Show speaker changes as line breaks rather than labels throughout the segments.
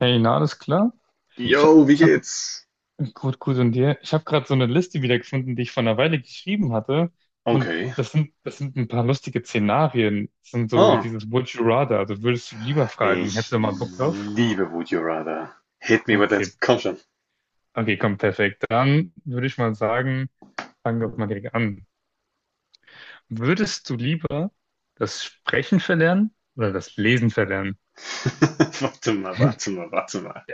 Hey, na, alles klar? Ich,
Yo, wie
ich habe
geht's?
gut, gut und dir. Ich habe gerade so eine Liste wiedergefunden, die ich vor einer Weile geschrieben hatte. Und
Okay.
das sind ein paar lustige Szenarien. Das sind so
Oh,
dieses Would you rather, also würdest du lieber fragen,
ich
hättest du mal Bock drauf?
liebe Would You Rather. Hit me with that.
Okay,
Komm schon.
okay, komm, perfekt. Dann würde ich mal sagen, fangen wir mal direkt an. Würdest du lieber das Sprechen verlernen oder das Lesen verlernen?
Warte mal, warte mal, warte mal.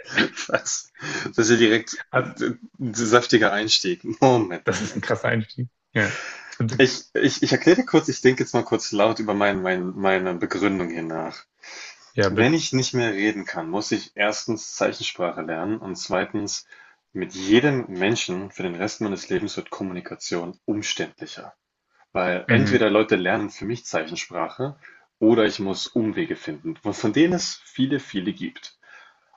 Das, das ist ja direkt
Also,
ein saftiger Einstieg. Moment,
das ist ein
Moment.
krasser Einstieg. Ja, bitte.
Ich erkläre dir kurz, ich denke jetzt mal kurz laut über meine Begründung hier nach.
Ja,
Wenn
bitte.
ich nicht mehr reden kann, muss ich erstens Zeichensprache lernen und zweitens, mit jedem Menschen für den Rest meines Lebens wird Kommunikation umständlicher. Weil
Mhm.
entweder Leute lernen für mich Zeichensprache oder ich muss Umwege finden, von denen es viele, viele gibt.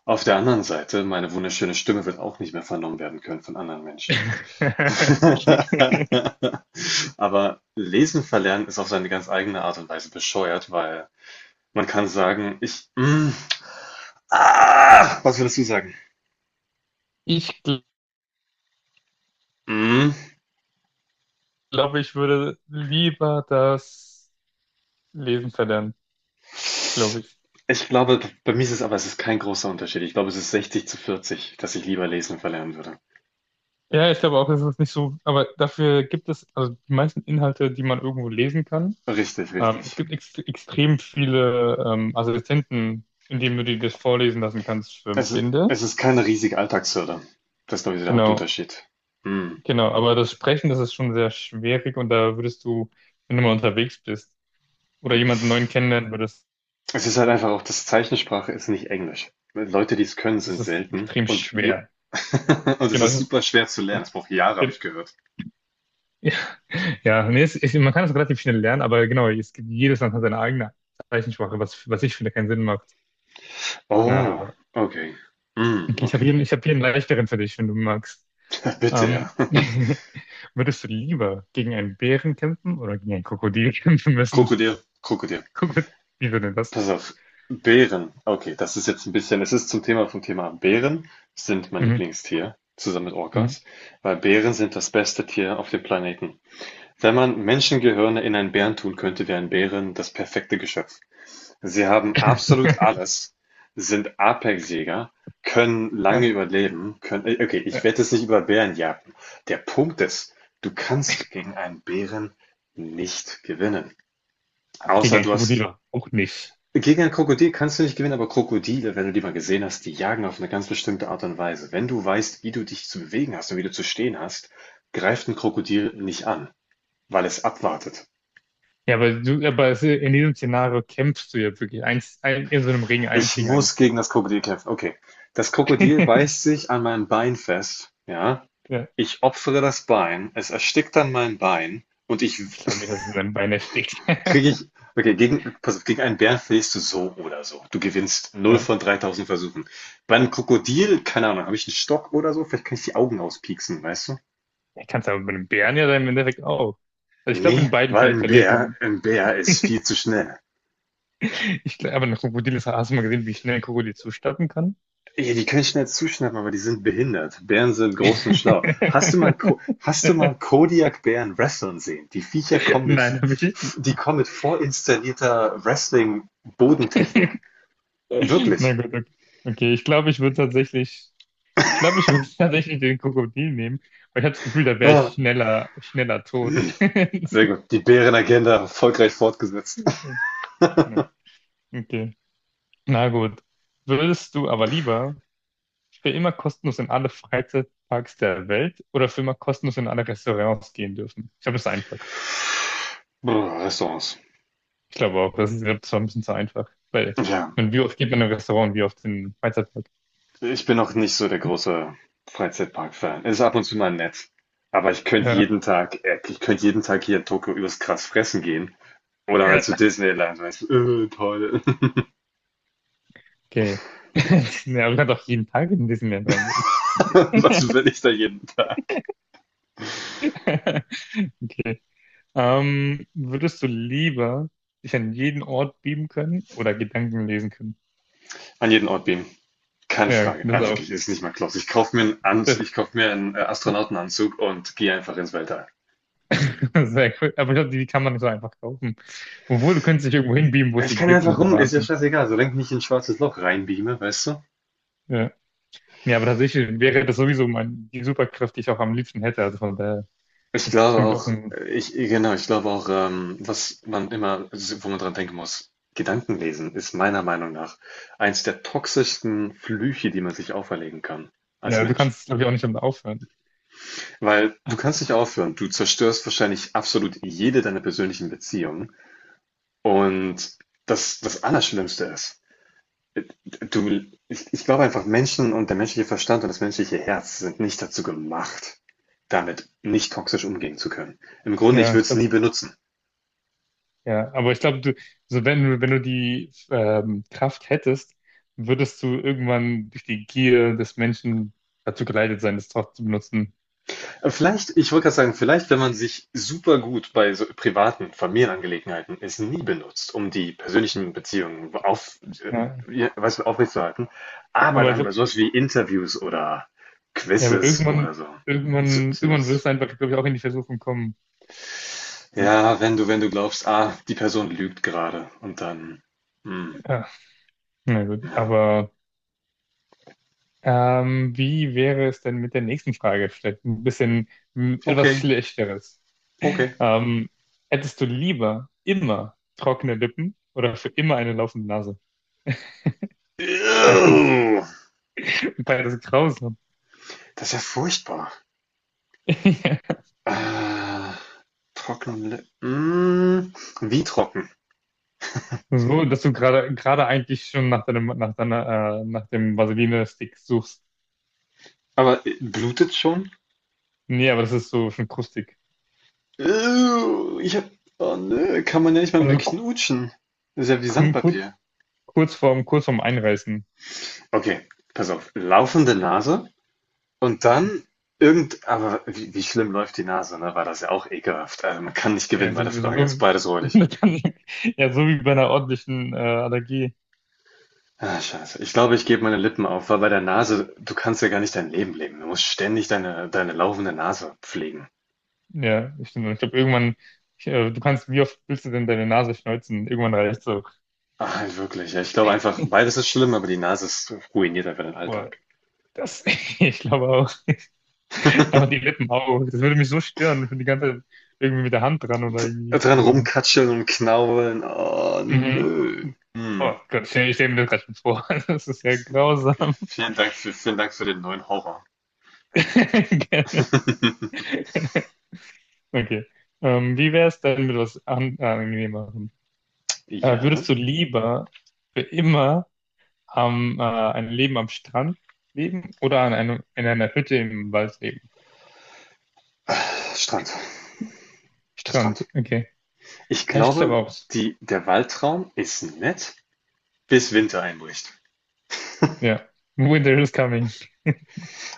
Auf der anderen Seite, meine wunderschöne Stimme wird auch nicht mehr vernommen werden können von anderen Menschen. Aber Lesen verlernen ist auf seine ganz eigene Art und Weise bescheuert, weil man kann sagen, was würdest du sagen?
Ich
Mm,
glaube, ich würde lieber das Lesen verlernen, glaube ich.
Ich glaube, bei mir ist es aber, es ist kein großer Unterschied. Ich glaube, es ist 60-40, dass ich lieber Lesen verlernen würde.
Ja, ich glaube auch, es ist nicht so, aber dafür gibt es, also die meisten Inhalte, die man irgendwo lesen kann.
Richtig,
Es
richtig.
gibt ex extrem viele Assistenten, in denen du dir das vorlesen lassen kannst für
Es i-
Blinde.
es ist keine riesige Alltagshürde. Das ist, glaube ich, so der
Genau,
Hauptunterschied. Hm.
genau. Aber das Sprechen, das ist schon sehr schwierig und da würdest du, wenn du mal unterwegs bist oder jemanden neuen kennenlernen würdest,
Es ist halt einfach auch, das Zeichensprache ist nicht Englisch. Leute, die es können,
das
sind
ist
selten.
extrem
Und, je
schwer.
Und es
Genau, es
ist
ist,
super schwer zu lernen.
genau.
Es braucht Jahre, habe ich gehört.
Ja. Ja, nee, es, ich, man kann es relativ schnell lernen, aber genau, es gibt, jedes Land hat seine eigene Zeichensprache, was, was ich finde keinen Sinn macht. Na,
Oh, okay. Hm,
okay, ich habe
okay.
hier, ich hab hier einen leichteren für dich, wenn du magst.
Bitte,
Ähm,
ja.
würdest du lieber gegen einen Bären kämpfen oder gegen ein Krokodil kämpfen müssen?
Krokodil, Krokodil.
Krokodil, wie würde denn das?
Pass auf. Bären. Okay, das ist jetzt ein bisschen, es ist zum Thema vom Thema ab. Bären sind mein
Mhm,
Lieblingstier, zusammen mit
mhm.
Orcas, weil Bären sind das beste Tier auf dem Planeten. Wenn man Menschengehirne in einen Bären tun könnte, wären Bären das perfekte Geschöpf. Sie haben absolut alles, sind Apexjäger, können lange
Ja,
überleben, können, okay, ich werde
ja.
es nicht über Bären jagen. Der Punkt ist, du kannst gegen einen Bären nicht gewinnen.
Gegen
Außer
ein
du hast,
Krokodil auch nicht.
gegen ein Krokodil kannst du nicht gewinnen, aber Krokodile, wenn du die mal gesehen hast, die jagen auf eine ganz bestimmte Art und Weise. Wenn du weißt, wie du dich zu bewegen hast und wie du zu stehen hast, greift ein Krokodil nicht an, weil es abwartet.
Ja, aber du, aber in diesem Szenario kämpfst du ja wirklich eins, ein, in so einem Ring eins
Ich
gegen
muss
eins.
gegen das Krokodil kämpfen. Okay. Das Krokodil beißt sich an meinem Bein fest, ja.
Ja,
Ich opfere das Bein, es erstickt dann mein Bein und ich
ich glaube nicht, dass es in deinem Bein erstickt.
kriege ich okay, gegen pass auf, gegen einen Bären verlierst du so oder so. Du gewinnst null
Ja.
von 3000 Versuchen. Bei einem Krokodil, keine Ahnung, habe ich einen Stock oder so, vielleicht kann ich die Augen auspieksen, weißt du?
Ja, kannst aber bei einem Bären ja dann im Endeffekt auch. Also ich glaube,
Nee,
in beiden
weil
Fällen
ein
verliert
Bär,
man.
ein Bär ist viel zu schnell.
Ich glaube, aber ein Krokodil ist, hast du mal gesehen, wie schnell ein Krokodil zustatten kann?
Ja, die können schnell zuschnappen, aber die sind behindert. Bären sind groß und schlau. Hast du mal, Ko- hast du mal Kodiak-Bären wresteln sehen? Die Viecher kommen mit,
Nein, habe ich.
die kommen mit vorinstallierter Wrestling-Bodentechnik. Wirklich.
Na gut, okay. Okay, ich glaube, ich würde tatsächlich, ich glaube, ich würde tatsächlich den Krokodil nehmen, weil ich habe das Gefühl, da wäre ich
Ah,
schneller, schneller tot.
sehr gut. Die Bärenagenda erfolgreich fortgesetzt.
Ja, okay, na gut. Würdest du aber lieber für immer kostenlos in alle Freizeitparks der Welt oder für immer kostenlos in alle Restaurants gehen dürfen? Ich glaube, das ist einfach.
Brr, Restaurants.
Ich glaube auch, das ist, das war ein bisschen zu einfach. Weil,
Ja,
ich meine, wie oft geht man in ein Restaurant, und wie oft in einen Freizeitpark?
ich bin noch nicht so der große Freizeitpark-Fan. Ist ab und zu mal nett. Aber
Ja,
ich könnte jeden Tag hier in Tokio übers Krass fressen gehen. Oder halt
ja,
zu Disneyland, weißt du, toll.
okay. Ja, aber man kann doch jeden Tag in Disneyland reingehen.
Was will ich da jeden Tag?
Okay. Würdest du lieber dich an jeden Ort beamen können oder Gedanken lesen können?
An jeden Ort beamen. Keine
Ja,
Frage.
das ist
Ah,
auch.
wirklich, ist nicht mal close. Ich kaufe mir einen, Ans
Das,
ich kauf mir einen Astronautenanzug und gehe einfach ins Weltall.
sehr cool. Aber ich glaube, die kann man nicht so einfach kaufen. Obwohl, du könntest dich irgendwo hinbeamen, wo es
Ich
die
kann ja
gibt und
einfach
der
rum, ist ja
Wahnsinn.
scheißegal, solange ich nicht in ein schwarzes Loch reinbeame, weißt du?
Ja. Ja, aber tatsächlich wäre das sowieso mein, die Superkraft, die ich auch am liebsten hätte. Also von daher
Ich
ist es für
glaube
mich auch
auch,
ein,
genau, ich glaube auch, was man immer, wo man dran denken muss, Gedankenlesen ist meiner Meinung nach eins der toxischsten Flüche, die man sich auferlegen kann als
ja, du
Mensch.
kannst, glaube ich, auch nicht damit aufhören.
Weil du
Aber,
kannst nicht aufhören, du zerstörst wahrscheinlich absolut jede deiner persönlichen Beziehungen. Und das Allerschlimmste ist, du, ich glaube einfach, Menschen und der menschliche Verstand und das menschliche Herz sind nicht dazu gemacht, damit nicht toxisch umgehen zu können. Im Grunde, ich
ja,
würde
ich
es
glaub,
nie benutzen.
ja, aber ich glaube, du, so wenn, wenn du die Kraft hättest, würdest du irgendwann durch die Gier des Menschen dazu geleitet sein, das trotzdem zu benutzen.
Vielleicht, ich wollte gerade sagen, vielleicht, wenn man sich super gut bei so privaten Familienangelegenheiten es nie benutzt, um die persönlichen Beziehungen
Ja.
ja, weißt du, aufrechtzuerhalten, aber
Aber ich
dann bei
glaube,
sowas wie Interviews oder
ja, aber
Quizzes oder so zu, zu
irgendwann würdest
nutzt.
du einfach, glaube ich, auch in die Versuchung kommen. Ja.
Ja, wenn du glaubst: „Ah, die Person lügt gerade" und dann hm,
Ja, na gut.
ja.
Aber wie wäre es denn mit der nächsten Frage? Vielleicht ein bisschen etwas
Okay,
Schlechteres.
okay.
Ähm, hättest du lieber immer trockene Lippen oder für immer eine laufende Nase?
Ew,
Beides grausam.
das ist ja furchtbar. Äh, trockene hm, wie trocken?
So, dass du gerade eigentlich schon nach deinem nach deiner nach dem Vaseline-Stick suchst.
Aber, blutet's schon?
Nee, aber das ist so schon krustig.
Ew, Ich habe oh ne, kann man ja nicht mal mehr
Also
knutschen. Das ist ja wie
kurz
Sandpapier.
kurz vorm Einreißen.
Okay, pass auf. Laufende Nase. Und dann irgend aber wie schlimm läuft die Nase, ne, war das ja auch ekelhaft. Also, man kann nicht
Ja,
gewinnen bei
so,
der Frage. Ist
so,
beides räudig.
ja, so wie bei einer ordentlichen Allergie.
Ah, scheiße. Ich glaube, ich gebe meine Lippen auf, weil bei der Nase, du kannst ja gar nicht dein Leben leben. Du musst ständig deine laufende Nase pflegen.
Ja, ich, stimmt. Ich glaube, irgendwann, ich, du kannst, wie oft willst du denn deine Nase schneuzen? Irgendwann reicht so.
Ah, wirklich. Ja, ich glaube einfach, beides ist schlimm, aber die Nase ist ruiniert einfach den
Boah,
Alltag.
das, ich glaube auch. Aber die Lippen auch. Das würde mich so stören, wenn die ganze Zeit irgendwie mit der Hand dran
D
oder irgendwie
dran
was machen.
rumkatscheln und knabbeln. Oh,
Mhm.
nö. Hm.
Oh Gott, ich stell mir das gerade schon vor. Das ist ja
Okay.
grausam.
Vielen Dank für den neuen Horror.
Gerne. Okay. Wie wäre es denn mit was angenehmerem?
Ja.
Würdest du lieber für immer ein Leben am Strand leben oder in einer Hütte im Wald leben?
Strand.
Strand,
Strand.
okay.
Ich
Ja, ich glaube
glaube,
auch.
die der Waldtraum ist nett, bis Winter einbricht.
Ja. Winter is coming.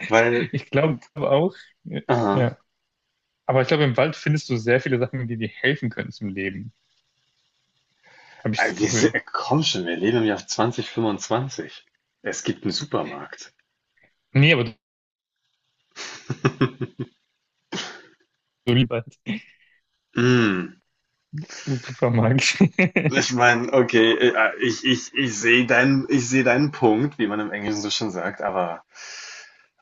Weil,
Ich glaube auch.
aha,
Ja. Aber ich glaube, im Wald findest du sehr viele Sachen, die dir helfen können zum Leben. Habe ich das
wir si
Gefühl.
komm schon, wir leben im Jahr 2025. Es gibt einen Supermarkt.
Nee, aber du, du liebst Wald.
Hm,
Super magisch.
ich meine, okay, ich sehe deinen Punkt, wie man im Englischen so schön sagt, aber,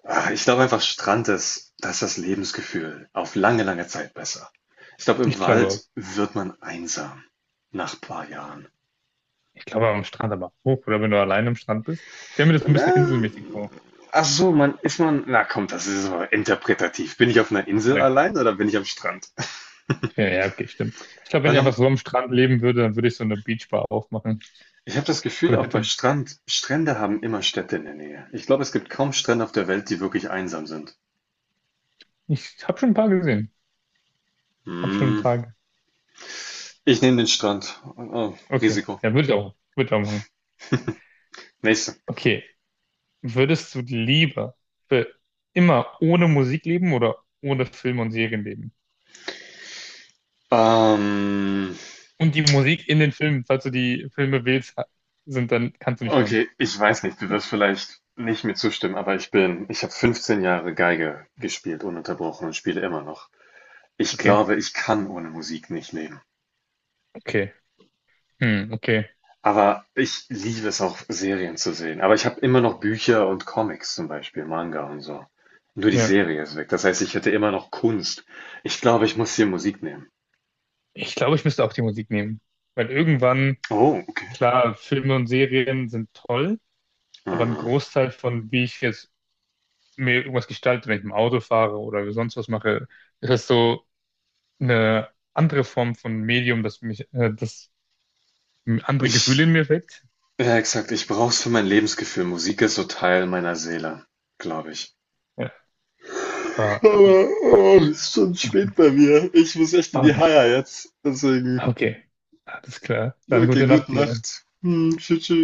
ich glaube einfach, Strand ist da ist das Lebensgefühl auf lange, lange Zeit besser. Ich glaube, im
Ich glaube auch.
Wald wird man einsam nach ein paar Jahren.
Ich glaube am Strand aber hoch. Oder wenn du allein am Strand bist. Ich stelle mir das ein
Na,
bisschen inselmäßig vor.
ach so, man ist man, na komm, das ist aber interpretativ. Bin ich auf einer Insel
Ja,
allein oder bin ich am Strand?
ja, ja, okay, stimmt. Ich glaube, wenn
Weil
ich einfach so am Strand leben würde, dann würde ich so eine Beachbar aufmachen.
ich habe das
So
Gefühl,
eine
auch bei
Hütte.
Strand, Strände haben immer Städte in der Nähe. Ich glaube, es gibt kaum Strände auf der Welt, die wirklich einsam sind.
Ich habe schon ein paar gesehen. Hab schon ein
Hm,
paar.
ich nehme den Strand. Oh,
Okay.
Risiko.
Ja, würde ich auch. Würde ich auch machen.
Nächste.
Okay. Würdest du lieber für immer ohne Musik leben oder ohne Filme und Serien leben?
Ähm,
Und die Musik in den Filmen, falls du die Filme wählst, sind, dann kannst du nicht hören.
okay, ich weiß nicht, du wirst vielleicht nicht mir zustimmen, aber ich habe 15 Jahre Geige gespielt, ununterbrochen und spiele immer noch. Ich
Okay.
glaube, ich kann ohne Musik nicht leben.
Okay. Hm, okay.
Aber ich liebe es auch, Serien zu sehen. Aber ich habe immer noch Bücher und Comics zum Beispiel, Manga und so. Nur die
Ja.
Serie ist weg. Das heißt, ich hätte immer noch Kunst. Ich glaube, ich muss hier Musik nehmen.
Ich glaube, ich müsste auch die Musik nehmen. Weil irgendwann,
Oh, okay.
klar, Filme und Serien sind toll, aber ein
Hm.
Großteil von, wie ich jetzt mir irgendwas gestalte, wenn ich im Auto fahre oder sonst was mache, ist es so, eine andere Form von Medium, das mich, das andere Gefühle in
Ich,
mir weckt.
ja, exakt, ich brauche es für mein Lebensgefühl. Musik ist so Teil meiner Seele, glaube ich.
Ja, aber,
Aber oh, es ist schon spät.
aber,
Ja, ja, jetzt deswegen.
okay, alles klar. Dann
Okay,
gute
gute
Nacht dir.
Nacht. Hm, tschüss. Tschüss.